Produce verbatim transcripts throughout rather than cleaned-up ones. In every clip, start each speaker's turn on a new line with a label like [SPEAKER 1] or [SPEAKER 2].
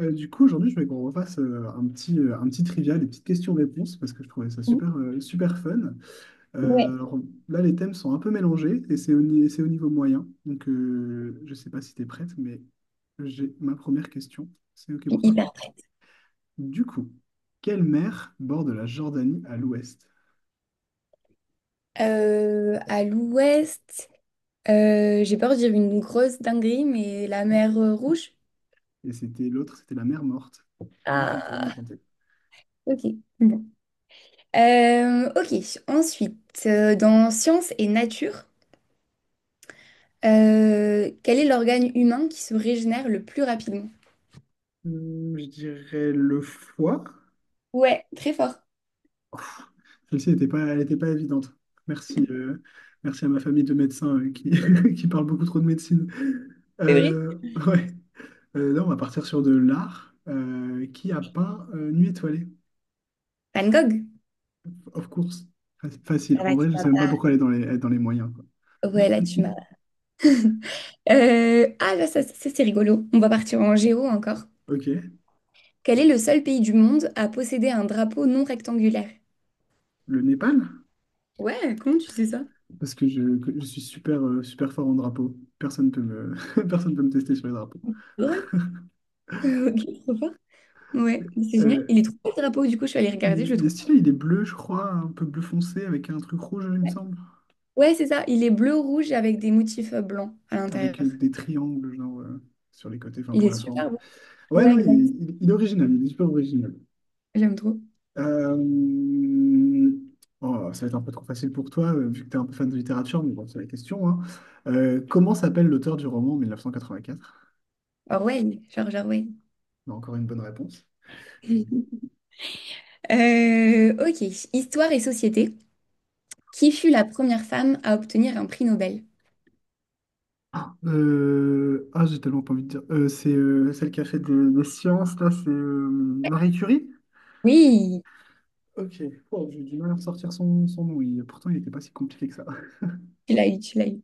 [SPEAKER 1] Euh, du coup, aujourd'hui, je voulais qu'on refasse euh, un petit, euh, un petit trivia, des petites questions-réponses, parce que je trouvais ça super, euh, super fun. Euh,
[SPEAKER 2] Ouais,
[SPEAKER 1] alors là, les thèmes sont un peu mélangés et c'est au, ni- c'est au niveau moyen. Donc, euh, je ne sais pas si tu es prête, mais j'ai ma première question. C'est OK pour toi?
[SPEAKER 2] hyper.
[SPEAKER 1] Du coup, quelle mer borde la Jordanie à l'ouest?
[SPEAKER 2] Euh, à l'ouest, euh, j'ai peur de dire une grosse dinguerie, mais la mer euh, Rouge.
[SPEAKER 1] Et c'était l'autre, c'était la mer Morte. Bien tenté, bien
[SPEAKER 2] Ah,
[SPEAKER 1] tenté.
[SPEAKER 2] ok. Bon. Euh, ok, ensuite, euh, dans sciences et nature, euh, quel est l'organe humain qui se régénère le plus rapidement?
[SPEAKER 1] Hum, je dirais le foie.
[SPEAKER 2] Ouais, très fort.
[SPEAKER 1] Celle-ci n'était pas, elle était pas évidente. Merci, euh, merci à ma famille de médecins euh, qui, qui parle beaucoup trop de médecine.
[SPEAKER 2] C'est vrai?
[SPEAKER 1] Euh, ouais. Euh, là, on va partir sur de l'art. Euh, qui a peint euh, Nuit étoilée?
[SPEAKER 2] Van Gogh.
[SPEAKER 1] Of course. Fa- Facile.
[SPEAKER 2] Ça
[SPEAKER 1] En
[SPEAKER 2] va, tu
[SPEAKER 1] vrai, je
[SPEAKER 2] vas
[SPEAKER 1] sais même pas
[SPEAKER 2] pas.
[SPEAKER 1] pourquoi elle est dans les, elle est dans les moyens, quoi.
[SPEAKER 2] Ouais, là tu m'as. Euh, ah là, ça, ça, c'est rigolo. On va partir en géo encore.
[SPEAKER 1] Ok.
[SPEAKER 2] Quel est le seul pays du monde à posséder un drapeau non rectangulaire?
[SPEAKER 1] Le Népal?
[SPEAKER 2] Ouais, comment tu sais ça?
[SPEAKER 1] Parce que je, que je suis super, euh, super fort en drapeau. Personne peut me, personne peut me tester sur les drapeaux.
[SPEAKER 2] Ah Ouais, ok, trop fort. Ouais, mais c'est génial. Il
[SPEAKER 1] Euh,
[SPEAKER 2] est trop beau le drapeau, du coup, je suis allée regarder, je
[SPEAKER 1] il,
[SPEAKER 2] le
[SPEAKER 1] il est
[SPEAKER 2] trouve.
[SPEAKER 1] stylé, il
[SPEAKER 2] sympa.
[SPEAKER 1] est bleu, je crois, un peu bleu foncé avec un truc rouge, il me
[SPEAKER 2] Ouais,
[SPEAKER 1] semble.
[SPEAKER 2] Ouais, c'est ça. Il est bleu-rouge avec des motifs euh, blancs à l'intérieur.
[SPEAKER 1] Avec euh, des triangles genre, euh, sur les côtés, enfin
[SPEAKER 2] Il
[SPEAKER 1] pour
[SPEAKER 2] est
[SPEAKER 1] la forme.
[SPEAKER 2] super beau.
[SPEAKER 1] Ouais,
[SPEAKER 2] Ouais,
[SPEAKER 1] non, il est,
[SPEAKER 2] exact.
[SPEAKER 1] il- il est original, il est super original.
[SPEAKER 2] J'aime trop.
[SPEAKER 1] Euh, oh, ça va être un peu trop facile pour toi, euh, vu que tu es un peu fan de littérature, mais bon, c'est la question, hein. Euh, comment s'appelle l'auteur du roman mille neuf cent quatre-vingt-quatre?
[SPEAKER 2] Orwell, George Orwell.
[SPEAKER 1] Non, encore une bonne réponse.
[SPEAKER 2] Euh, ok, Histoire et société. Qui fut la première femme à obtenir un prix Nobel?
[SPEAKER 1] Euh, Ah, j'ai tellement pas envie de dire. Euh, c'est euh, celle qui a fait des, des sciences, là, c'est euh, Marie Curie?
[SPEAKER 2] Oui,
[SPEAKER 1] Ok, oh, j'ai du mal à ressortir son, son nom, il- pourtant il n'était pas si compliqué que ça.
[SPEAKER 2] tu l'as eu, tu l'as eu.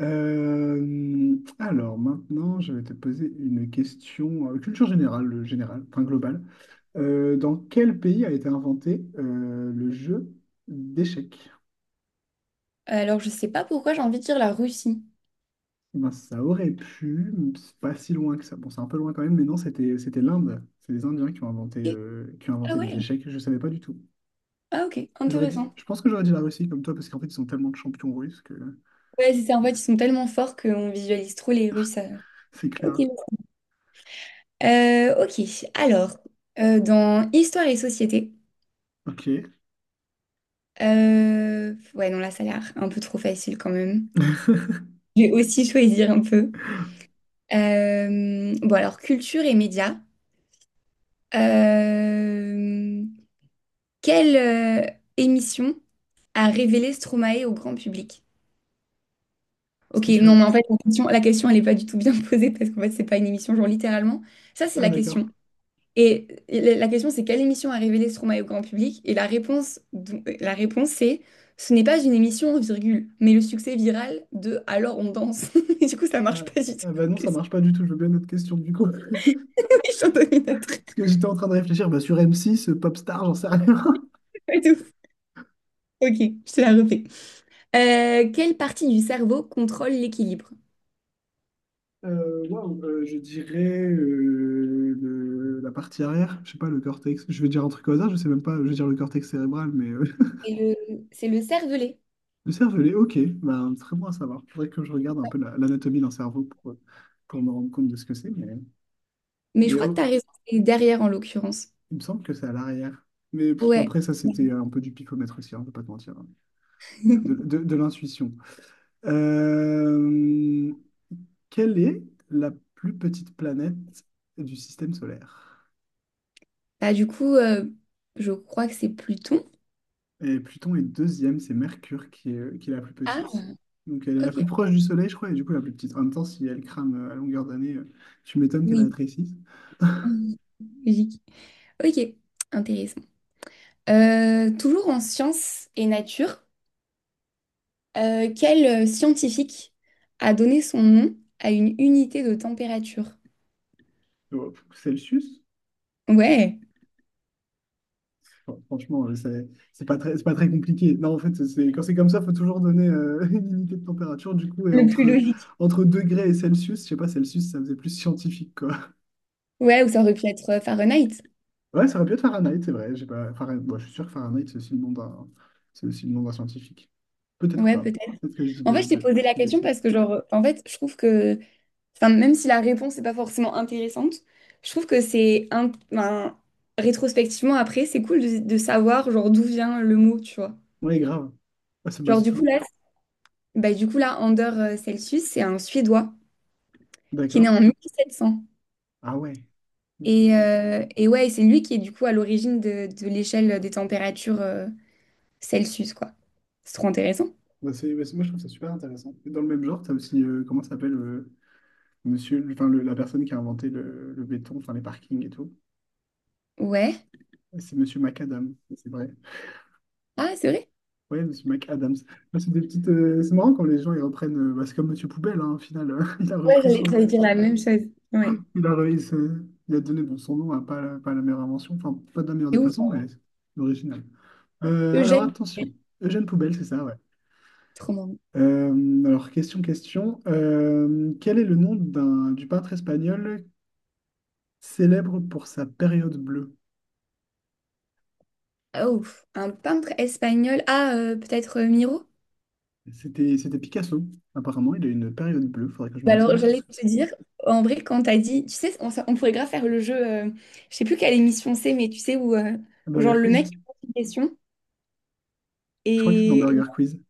[SPEAKER 1] Euh, alors maintenant, je vais te poser une question euh, culture générale, euh, générale, enfin globale. Euh, dans quel pays a été inventé euh, le jeu d'échecs?
[SPEAKER 2] Alors, je sais pas pourquoi j'ai envie de dire la Russie.
[SPEAKER 1] Eh ben, ça aurait pu, mais c'est pas si loin que ça. Bon, c'est un peu loin quand même, mais non, c'était c'était l'Inde. C'est les Indiens qui ont inventé euh, qui ont
[SPEAKER 2] Ah
[SPEAKER 1] inventé les
[SPEAKER 2] ouais,
[SPEAKER 1] échecs. Je savais pas du tout.
[SPEAKER 2] ah ok,
[SPEAKER 1] J'aurais dit,
[SPEAKER 2] intéressant.
[SPEAKER 1] je pense que j'aurais dit la Russie comme toi parce qu'en fait, ils sont tellement de champions russes que
[SPEAKER 2] Ouais, c'est ça. En fait, ils sont tellement forts qu'on visualise trop les Russes. euh.
[SPEAKER 1] c'est
[SPEAKER 2] Ok.
[SPEAKER 1] clair.
[SPEAKER 2] Euh, ok. Alors, euh, dans Histoire et Société,
[SPEAKER 1] Ok,
[SPEAKER 2] euh, ouais, non, là, ça a l'air un peu trop facile quand même. Je vais aussi choisir un peu. Euh, bon, alors, culture et médias. Euh, Quelle euh, émission a révélé Stromae au grand public? Ok,
[SPEAKER 1] c'était
[SPEAKER 2] non,
[SPEAKER 1] sûr.
[SPEAKER 2] mais en fait, la question, la question, elle n'est pas du tout bien posée parce qu'en fait, c'est pas une émission, genre littéralement. Ça, c'est
[SPEAKER 1] Ah
[SPEAKER 2] la
[SPEAKER 1] d'accord.
[SPEAKER 2] question. Et la la question, c'est quelle émission a révélé Stromae au grand public? Et la réponse, dou- euh, la réponse, c'est ce n'est pas une émission, virgule, mais le succès viral de Alors on danse. Et du coup, ça
[SPEAKER 1] Ah,
[SPEAKER 2] marche pas du tout.
[SPEAKER 1] ah bah non, ça
[SPEAKER 2] Qu'est-ce que
[SPEAKER 1] marche pas du tout. Je veux bien notre question du coup.
[SPEAKER 2] je suis en dominatrice.
[SPEAKER 1] Parce que j'étais en train de réfléchir bah, sur M six, euh, Popstar, j'en sais rien.
[SPEAKER 2] Ouais, de ouf. Ok, je te la refais. Euh, quelle partie du cerveau contrôle l'équilibre?
[SPEAKER 1] Euh, waouh, euh, je dirais euh, le- la partie arrière, je sais pas, le cortex. Je vais dire un truc au hasard, je sais même pas, je vais dire le cortex cérébral, mais euh,
[SPEAKER 2] C'est le, c'est le cervelet.
[SPEAKER 1] le cervelet, ok, bah, très bon à savoir. Faudrait que je regarde un peu la- l'anatomie d'un cerveau pour, euh, pour me rendre compte de ce que c'est, mais,
[SPEAKER 2] Mais je
[SPEAKER 1] mais
[SPEAKER 2] crois que tu as
[SPEAKER 1] oh,
[SPEAKER 2] raison, c'est derrière en l'occurrence.
[SPEAKER 1] il me semble que c'est à l'arrière. Mais pff,
[SPEAKER 2] Ouais.
[SPEAKER 1] après, ça, c'était un peu du pifomètre aussi, hein, je vais pas te mentir, hein. De, de- de l'intuition. Euh, Quelle est la plus petite planète du système solaire?
[SPEAKER 2] Bah, du coup, euh, je crois que c'est Pluton.
[SPEAKER 1] Et Pluton est deuxième, c'est Mercure qui est, qui est la plus
[SPEAKER 2] Ah,
[SPEAKER 1] petite. Donc elle est la
[SPEAKER 2] ok.
[SPEAKER 1] plus proche du Soleil, je crois, et du coup la plus petite. En même temps, si elle crame euh, à longueur d'année, euh, tu m'étonnes qu'elle
[SPEAKER 2] Oui.
[SPEAKER 1] rétrécisse.
[SPEAKER 2] Logique. Ok, intéressant. Euh, toujours en sciences et nature, euh, quel euh, scientifique a donné son nom à une unité de température?
[SPEAKER 1] Oh, Celsius?
[SPEAKER 2] Ouais,
[SPEAKER 1] Bon, franchement, euh, c'est c'est pas très, c'est pas très compliqué. Non, en fait, c'est, quand c'est comme ça, il faut toujours donner euh, une unité de température. Du coup, et
[SPEAKER 2] le plus
[SPEAKER 1] entre,
[SPEAKER 2] logique.
[SPEAKER 1] entre degrés et Celsius, je sais pas, Celsius, ça faisait plus scientifique, quoi.
[SPEAKER 2] Ouais, ou ça aurait pu être euh, Fahrenheit.
[SPEAKER 1] Ouais, ça aurait pu être Fahrenheit, c'est vrai. J'ai pas... Fahrenheit, bon, je suis sûr que Fahrenheit, c'est aussi le nom d'un c'est aussi le nom d'un scientifique. Peut-être
[SPEAKER 2] Ouais,
[SPEAKER 1] pas.
[SPEAKER 2] peut-être.
[SPEAKER 1] Peut-être que je dis
[SPEAKER 2] En fait,
[SPEAKER 1] de,
[SPEAKER 2] je t'ai
[SPEAKER 1] de,
[SPEAKER 2] posé la
[SPEAKER 1] des
[SPEAKER 2] question
[SPEAKER 1] bêtises.
[SPEAKER 2] parce que, genre, en fait, je trouve que, enfin, même si la réponse n'est pas forcément intéressante, je trouve que c'est, un, enfin, rétrospectivement, après, c'est cool de, de, savoir, genre, d'où vient le mot, tu vois.
[SPEAKER 1] Ouais, grave. Ah, c'est bah,
[SPEAKER 2] Genre,
[SPEAKER 1] c'est
[SPEAKER 2] du coup,
[SPEAKER 1] toujours...
[SPEAKER 2] là, bah, du coup, là, Anders euh, Celsius, c'est un Suédois. qui est né
[SPEAKER 1] D'accord.
[SPEAKER 2] en mille sept cents.
[SPEAKER 1] Ah ouais. Ok.
[SPEAKER 2] Et, euh, et ouais, c'est lui qui est du coup à l'origine de, de l'échelle des températures euh, Celsius, quoi. C'est trop intéressant.
[SPEAKER 1] Bah, c'est- bah, c'est, moi, je trouve ça super intéressant. Et dans le même genre, tu as aussi, euh, comment ça s'appelle, euh, monsieur, le- enfin, le- la personne qui a inventé le, le béton, enfin, les parkings et tout.
[SPEAKER 2] Ouais.
[SPEAKER 1] Et c'est monsieur McAdams, c'est vrai.
[SPEAKER 2] Ah, c'est vrai?
[SPEAKER 1] Ouais, monsieur McAdams. Bah, c'est des petites, euh, c'est marrant quand les gens, ils reprennent, euh, bah, c'est comme monsieur Poubelle, hein, au final. Il a
[SPEAKER 2] Ouais,
[SPEAKER 1] repris
[SPEAKER 2] j'allais
[SPEAKER 1] son,
[SPEAKER 2] j'allais dire la même chose. Ouais.
[SPEAKER 1] il a il a donné bon, son nom à pas, la- pas la meilleure invention, enfin pas de la meilleure
[SPEAKER 2] C'est
[SPEAKER 1] des
[SPEAKER 2] ouf.
[SPEAKER 1] façons, mais original. Euh, alors
[SPEAKER 2] Eugène. Miguel.
[SPEAKER 1] attention, Eugène Poubelle, c'est ça, ouais.
[SPEAKER 2] Trop marrant.
[SPEAKER 1] Euh, alors question, question. Euh, quel est le nom d'un, du peintre espagnol célèbre pour sa période bleue?
[SPEAKER 2] Ah, ouf. Un peintre espagnol. Ah, euh, peut-être euh, Miro?
[SPEAKER 1] C'était, c'était Picasso. Apparemment, il a une période bleue. Faudrait que je me
[SPEAKER 2] Bah alors,
[SPEAKER 1] renseigne sur
[SPEAKER 2] j'allais
[SPEAKER 1] ce que c'est.
[SPEAKER 2] te dire, en vrai, quand t'as dit, tu sais, on, ça- on pourrait grave faire le jeu, euh, je sais plus quelle émission c'est, mais tu sais, où, euh,
[SPEAKER 1] Un
[SPEAKER 2] où genre
[SPEAKER 1] Burger
[SPEAKER 2] le
[SPEAKER 1] Quiz?
[SPEAKER 2] mec il pose une question
[SPEAKER 1] Je crois que c'est dans
[SPEAKER 2] et
[SPEAKER 1] Burger Quiz.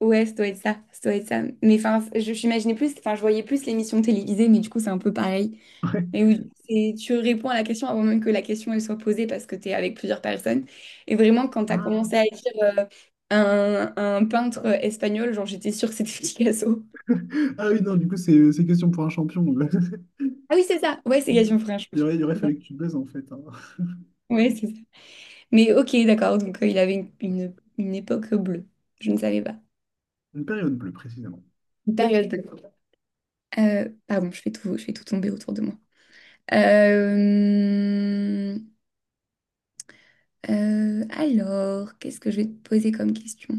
[SPEAKER 2] Ouais, ça doit être ça, ça doit être ça. Mais enfin, je j'imaginais plus, enfin, je voyais plus l'émission télévisée, mais du coup, c'est un peu pareil.
[SPEAKER 1] Ouais.
[SPEAKER 2] Mais où c'est- tu réponds à la question avant même que la question elle soit posée parce que tu es avec plusieurs personnes. Et vraiment, quand tu as
[SPEAKER 1] Ah.
[SPEAKER 2] commencé à écrire euh, un, un peintre espagnol, genre, j'étais sûre que c'était Picasso.
[SPEAKER 1] Ah oui, non, du coup, c'est c'est question pour un champion.
[SPEAKER 2] Ah oui, c'est ça. Ouais, c'est Gaston Frère, je me
[SPEAKER 1] Il aurait, il aurait fallu que tu baises en fait. Hein.
[SPEAKER 2] Ouais, c'est ça. Mais ok, d'accord. Donc, euh, il avait une, une, une époque bleue. Je ne savais pas.
[SPEAKER 1] Une période bleue, précisément.
[SPEAKER 2] Une période bleue. Euh, pardon, je fais tout, je fais tout tomber autour de moi. Euh... Euh, alors, qu'est-ce que je vais te poser comme question?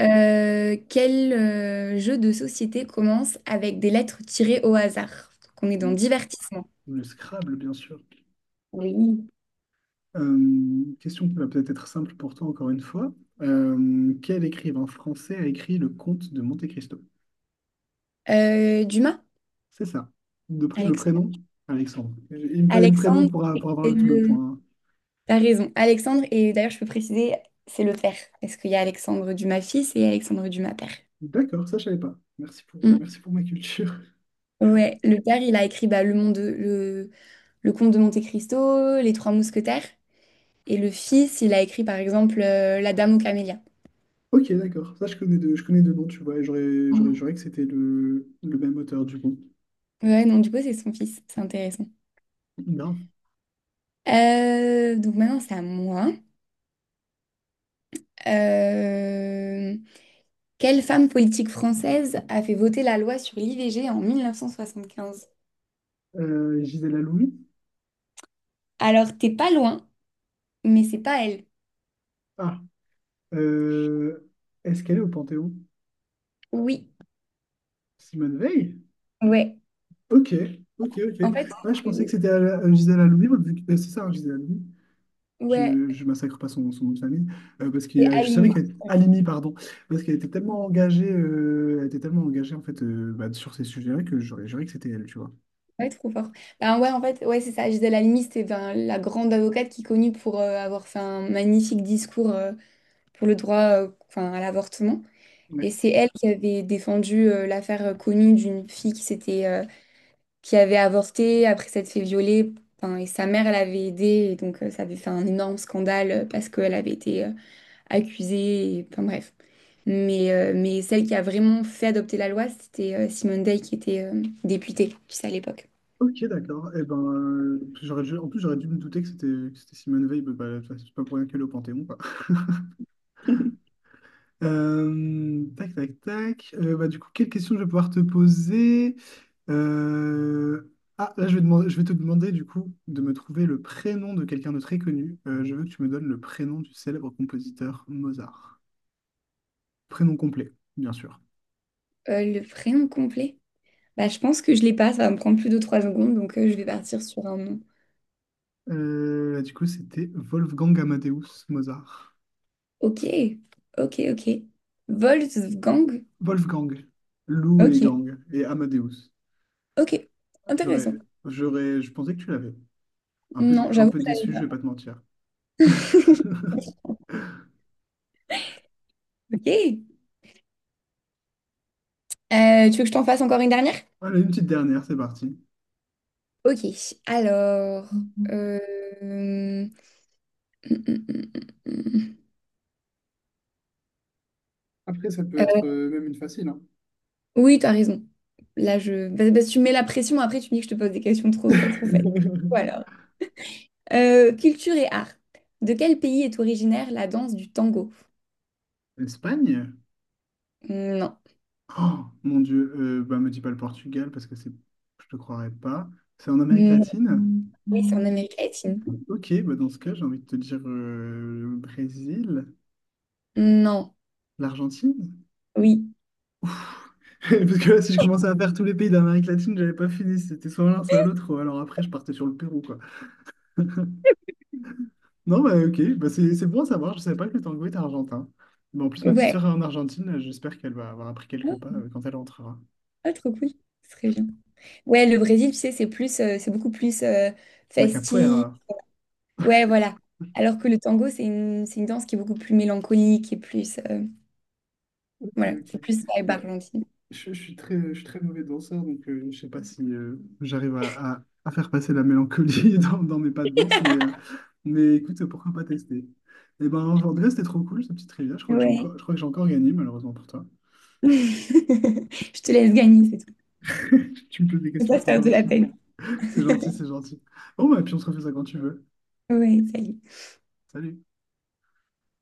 [SPEAKER 2] Euh, quel euh, jeu de société commence avec des lettres tirées au hasard? Donc, on est dans
[SPEAKER 1] Le,
[SPEAKER 2] divertissement.
[SPEAKER 1] le Scrabble, bien sûr.
[SPEAKER 2] Oui.
[SPEAKER 1] Euh, question qui va peut-être être simple pour toi, encore une fois. Euh, quel écrivain français a écrit Le Comte de Monte-Cristo?
[SPEAKER 2] Euh, Dumas?
[SPEAKER 1] C'est ça. De pré- le
[SPEAKER 2] Alexandre.
[SPEAKER 1] prénom? Alexandre. Il me fallait le prénom
[SPEAKER 2] Alexandre,
[SPEAKER 1] pour, a- pour avoir
[SPEAKER 2] c'est
[SPEAKER 1] le, tout le
[SPEAKER 2] le...
[SPEAKER 1] point. Hein.
[SPEAKER 2] T'as raison. Alexandre, et d'ailleurs, je peux préciser, c'est le père. Parce qu'il y a Alexandre Dumas fils et Alexandre Dumas père.
[SPEAKER 1] D'accord, ça, je savais pas. Merci pour,
[SPEAKER 2] Mm.
[SPEAKER 1] merci pour ma culture.
[SPEAKER 2] Ouais, le père, il a écrit bah, le monde, le, le comte de Monte-Cristo, Les Trois Mousquetaires. Et le fils, il a écrit, par exemple, euh, La Dame aux Camélias.
[SPEAKER 1] Ok, d'accord. Ça, je connais deux, je connais deux noms, tu vois, et j'aurais, j'aurais juré que c'était le, le même auteur, du coup.
[SPEAKER 2] Ouais, non, du coup, c'est son fils. C'est intéressant.
[SPEAKER 1] Grave.
[SPEAKER 2] Euh, donc maintenant, c'est à moi. Euh, Quelle femme politique française a fait voter la loi sur l'I V G en mille neuf cent soixante-quinze?
[SPEAKER 1] Euh, Gisèle Aloumi?
[SPEAKER 2] Alors, t'es pas loin, mais c'est pas elle.
[SPEAKER 1] Ah. Euh, est-ce qu'elle est au Panthéon?
[SPEAKER 2] Oui,
[SPEAKER 1] Simone Veil?
[SPEAKER 2] ouais.
[SPEAKER 1] Ok, ok, ok.
[SPEAKER 2] En fait,
[SPEAKER 1] Moi, je
[SPEAKER 2] euh,
[SPEAKER 1] pensais que c'était à la- à Gisèle Halimi, vu que- euh, c'est ça, hein, Gisèle Halimi.
[SPEAKER 2] ouais,
[SPEAKER 1] Je, je massacre pas son, son nom de famille, euh, parce que
[SPEAKER 2] c'est
[SPEAKER 1] euh, je savais
[SPEAKER 2] Halimi.
[SPEAKER 1] qu'elle Halimi, pardon, parce qu'elle était tellement engagée, euh, elle était tellement engagée en fait euh, bah, sur ces sujets-là que j'aurais juré que c'était elle, tu vois.
[SPEAKER 2] Ouais, trop fort. Ben ouais, en fait, ouais, c'est ça. Gisèle Halimi, c'était ben, la grande avocate qui est connue pour euh, avoir fait un magnifique discours euh, pour le droit euh, enfin, à l'avortement. Et
[SPEAKER 1] Ouais.
[SPEAKER 2] c'est elle qui avait défendu euh, l'affaire euh, connue d'une fille qui s'était, euh, qui avait avorté après s'être fait violer. Enfin, et sa mère, elle avait aidé. Et donc, euh, ça avait fait un énorme scandale euh, parce qu'elle avait été euh, accusée. et- Enfin, bref. Mais, euh, mais celle qui a vraiment fait adopter la loi, c'était euh, Simone Veil qui était euh, députée, tu sais, à l'époque.
[SPEAKER 1] Ok, d'accord. Eh ben, euh, j'aurais, dû- en plus, j'aurais dû me douter que c'était que c'était Simone Veil, bah, bah, c'est pas pour rien qu'elle est au Panthéon, quoi. Euh, tac, tac, tac. Euh, bah, du coup, quelle question je vais pouvoir te poser? Euh, Ah, là, je vais demander, je vais te demander, du coup, de me trouver le prénom de quelqu'un de très connu. Euh, je veux que tu me donnes le prénom du célèbre compositeur Mozart. Prénom complet, bien sûr.
[SPEAKER 2] Euh, le prénom complet? Bah, je pense que je l'ai pas. Ça va me prendre plus de trois secondes. Donc, euh, je vais partir sur un nom.
[SPEAKER 1] Euh, du coup, c'était Wolfgang Amadeus Mozart.
[SPEAKER 2] Ok. Ok, ok. Wolfgang?
[SPEAKER 1] Wolfgang, Lou et
[SPEAKER 2] Ok.
[SPEAKER 1] Gang, et Amadeus.
[SPEAKER 2] Ok,
[SPEAKER 1] J'aurais,
[SPEAKER 2] intéressant.
[SPEAKER 1] j'aurais, je pensais que tu l'avais. Un peu, dé-
[SPEAKER 2] Non,
[SPEAKER 1] un
[SPEAKER 2] j'avoue
[SPEAKER 1] peu
[SPEAKER 2] que je
[SPEAKER 1] déçu, je
[SPEAKER 2] l'avais
[SPEAKER 1] vais
[SPEAKER 2] pas.
[SPEAKER 1] pas te mentir.
[SPEAKER 2] Ok. Euh, tu veux que je t'en fasse encore une dernière?
[SPEAKER 1] Allez, une petite dernière, c'est parti.
[SPEAKER 2] Ok, alors... euh, hum, hum, hum, hum.
[SPEAKER 1] Après, ça peut
[SPEAKER 2] Euh,
[SPEAKER 1] être euh, même une facile. Hein.
[SPEAKER 2] Oui, t'as raison. Là, je... Parce parce que tu mets la pression, après tu me dis que je te pose des questions trop fa- trop faciles. Voilà. Euh, culture et art. De quel pays est originaire la danse du tango?
[SPEAKER 1] L'Espagne?
[SPEAKER 2] Non.
[SPEAKER 1] Oh mon Dieu, euh, bah me dis pas le Portugal parce que c'est, je te croirais pas. C'est en Amérique
[SPEAKER 2] Mm,
[SPEAKER 1] latine?
[SPEAKER 2] oui, c'est en Amérique latine.
[SPEAKER 1] Ok, bah dans ce cas, j'ai envie de te dire euh, le Brésil,
[SPEAKER 2] Non.
[SPEAKER 1] l'Argentine.
[SPEAKER 2] Oui.
[SPEAKER 1] Parce que là, si je commençais à faire tous les pays d'Amérique latine, j'avais pas fini. C'était soit l'un, soit l'autre. Alors après, je partais sur le Pérou, quoi. Non, bah ok, bah, c'est c'est bon à savoir. Je savais pas que le tango était argentin. Mais en plus, ma petite
[SPEAKER 2] Ouais.
[SPEAKER 1] sœur est en Argentine. J'espère qu'elle va avoir appris quelques
[SPEAKER 2] Ah,
[SPEAKER 1] pas euh, quand elle rentrera.
[SPEAKER 2] ah, trop cool. Très bien. Ouais, le Brésil, tu sais, c'est plus, euh, c'est beaucoup plus euh,
[SPEAKER 1] La
[SPEAKER 2] festif.
[SPEAKER 1] capoeira.
[SPEAKER 2] Ouais, voilà. Alors que le tango, c'est une, c'est une danse qui est beaucoup plus mélancolique et plus, euh,
[SPEAKER 1] Ok,
[SPEAKER 2] voilà, c'est
[SPEAKER 1] ok.
[SPEAKER 2] plus vibe
[SPEAKER 1] Bah,
[SPEAKER 2] argentine.
[SPEAKER 1] je, je suis très, je suis très mauvais danseur, donc euh, je sais pas si euh, j'arrive à, à- à faire passer la mélancolie dans, dans mes pas de danse, mais, euh, mais écoute, pourquoi pas tester? Et ben, en vrai, c'était trop cool, cette petite trivia. Je crois que j'ai
[SPEAKER 2] Ouais.
[SPEAKER 1] encore, je crois que j'ai encore gagné, malheureusement pour toi.
[SPEAKER 2] Je te laisse gagner, c'est tout.
[SPEAKER 1] Tu me poses des
[SPEAKER 2] Je vais
[SPEAKER 1] questions
[SPEAKER 2] pas te
[SPEAKER 1] trop
[SPEAKER 2] faire de la
[SPEAKER 1] gentilles.
[SPEAKER 2] peine.
[SPEAKER 1] C'est gentil, c'est gentil. Bon, bah, puis on se refait ça quand tu veux.
[SPEAKER 2] Ouais, salut.
[SPEAKER 1] Salut.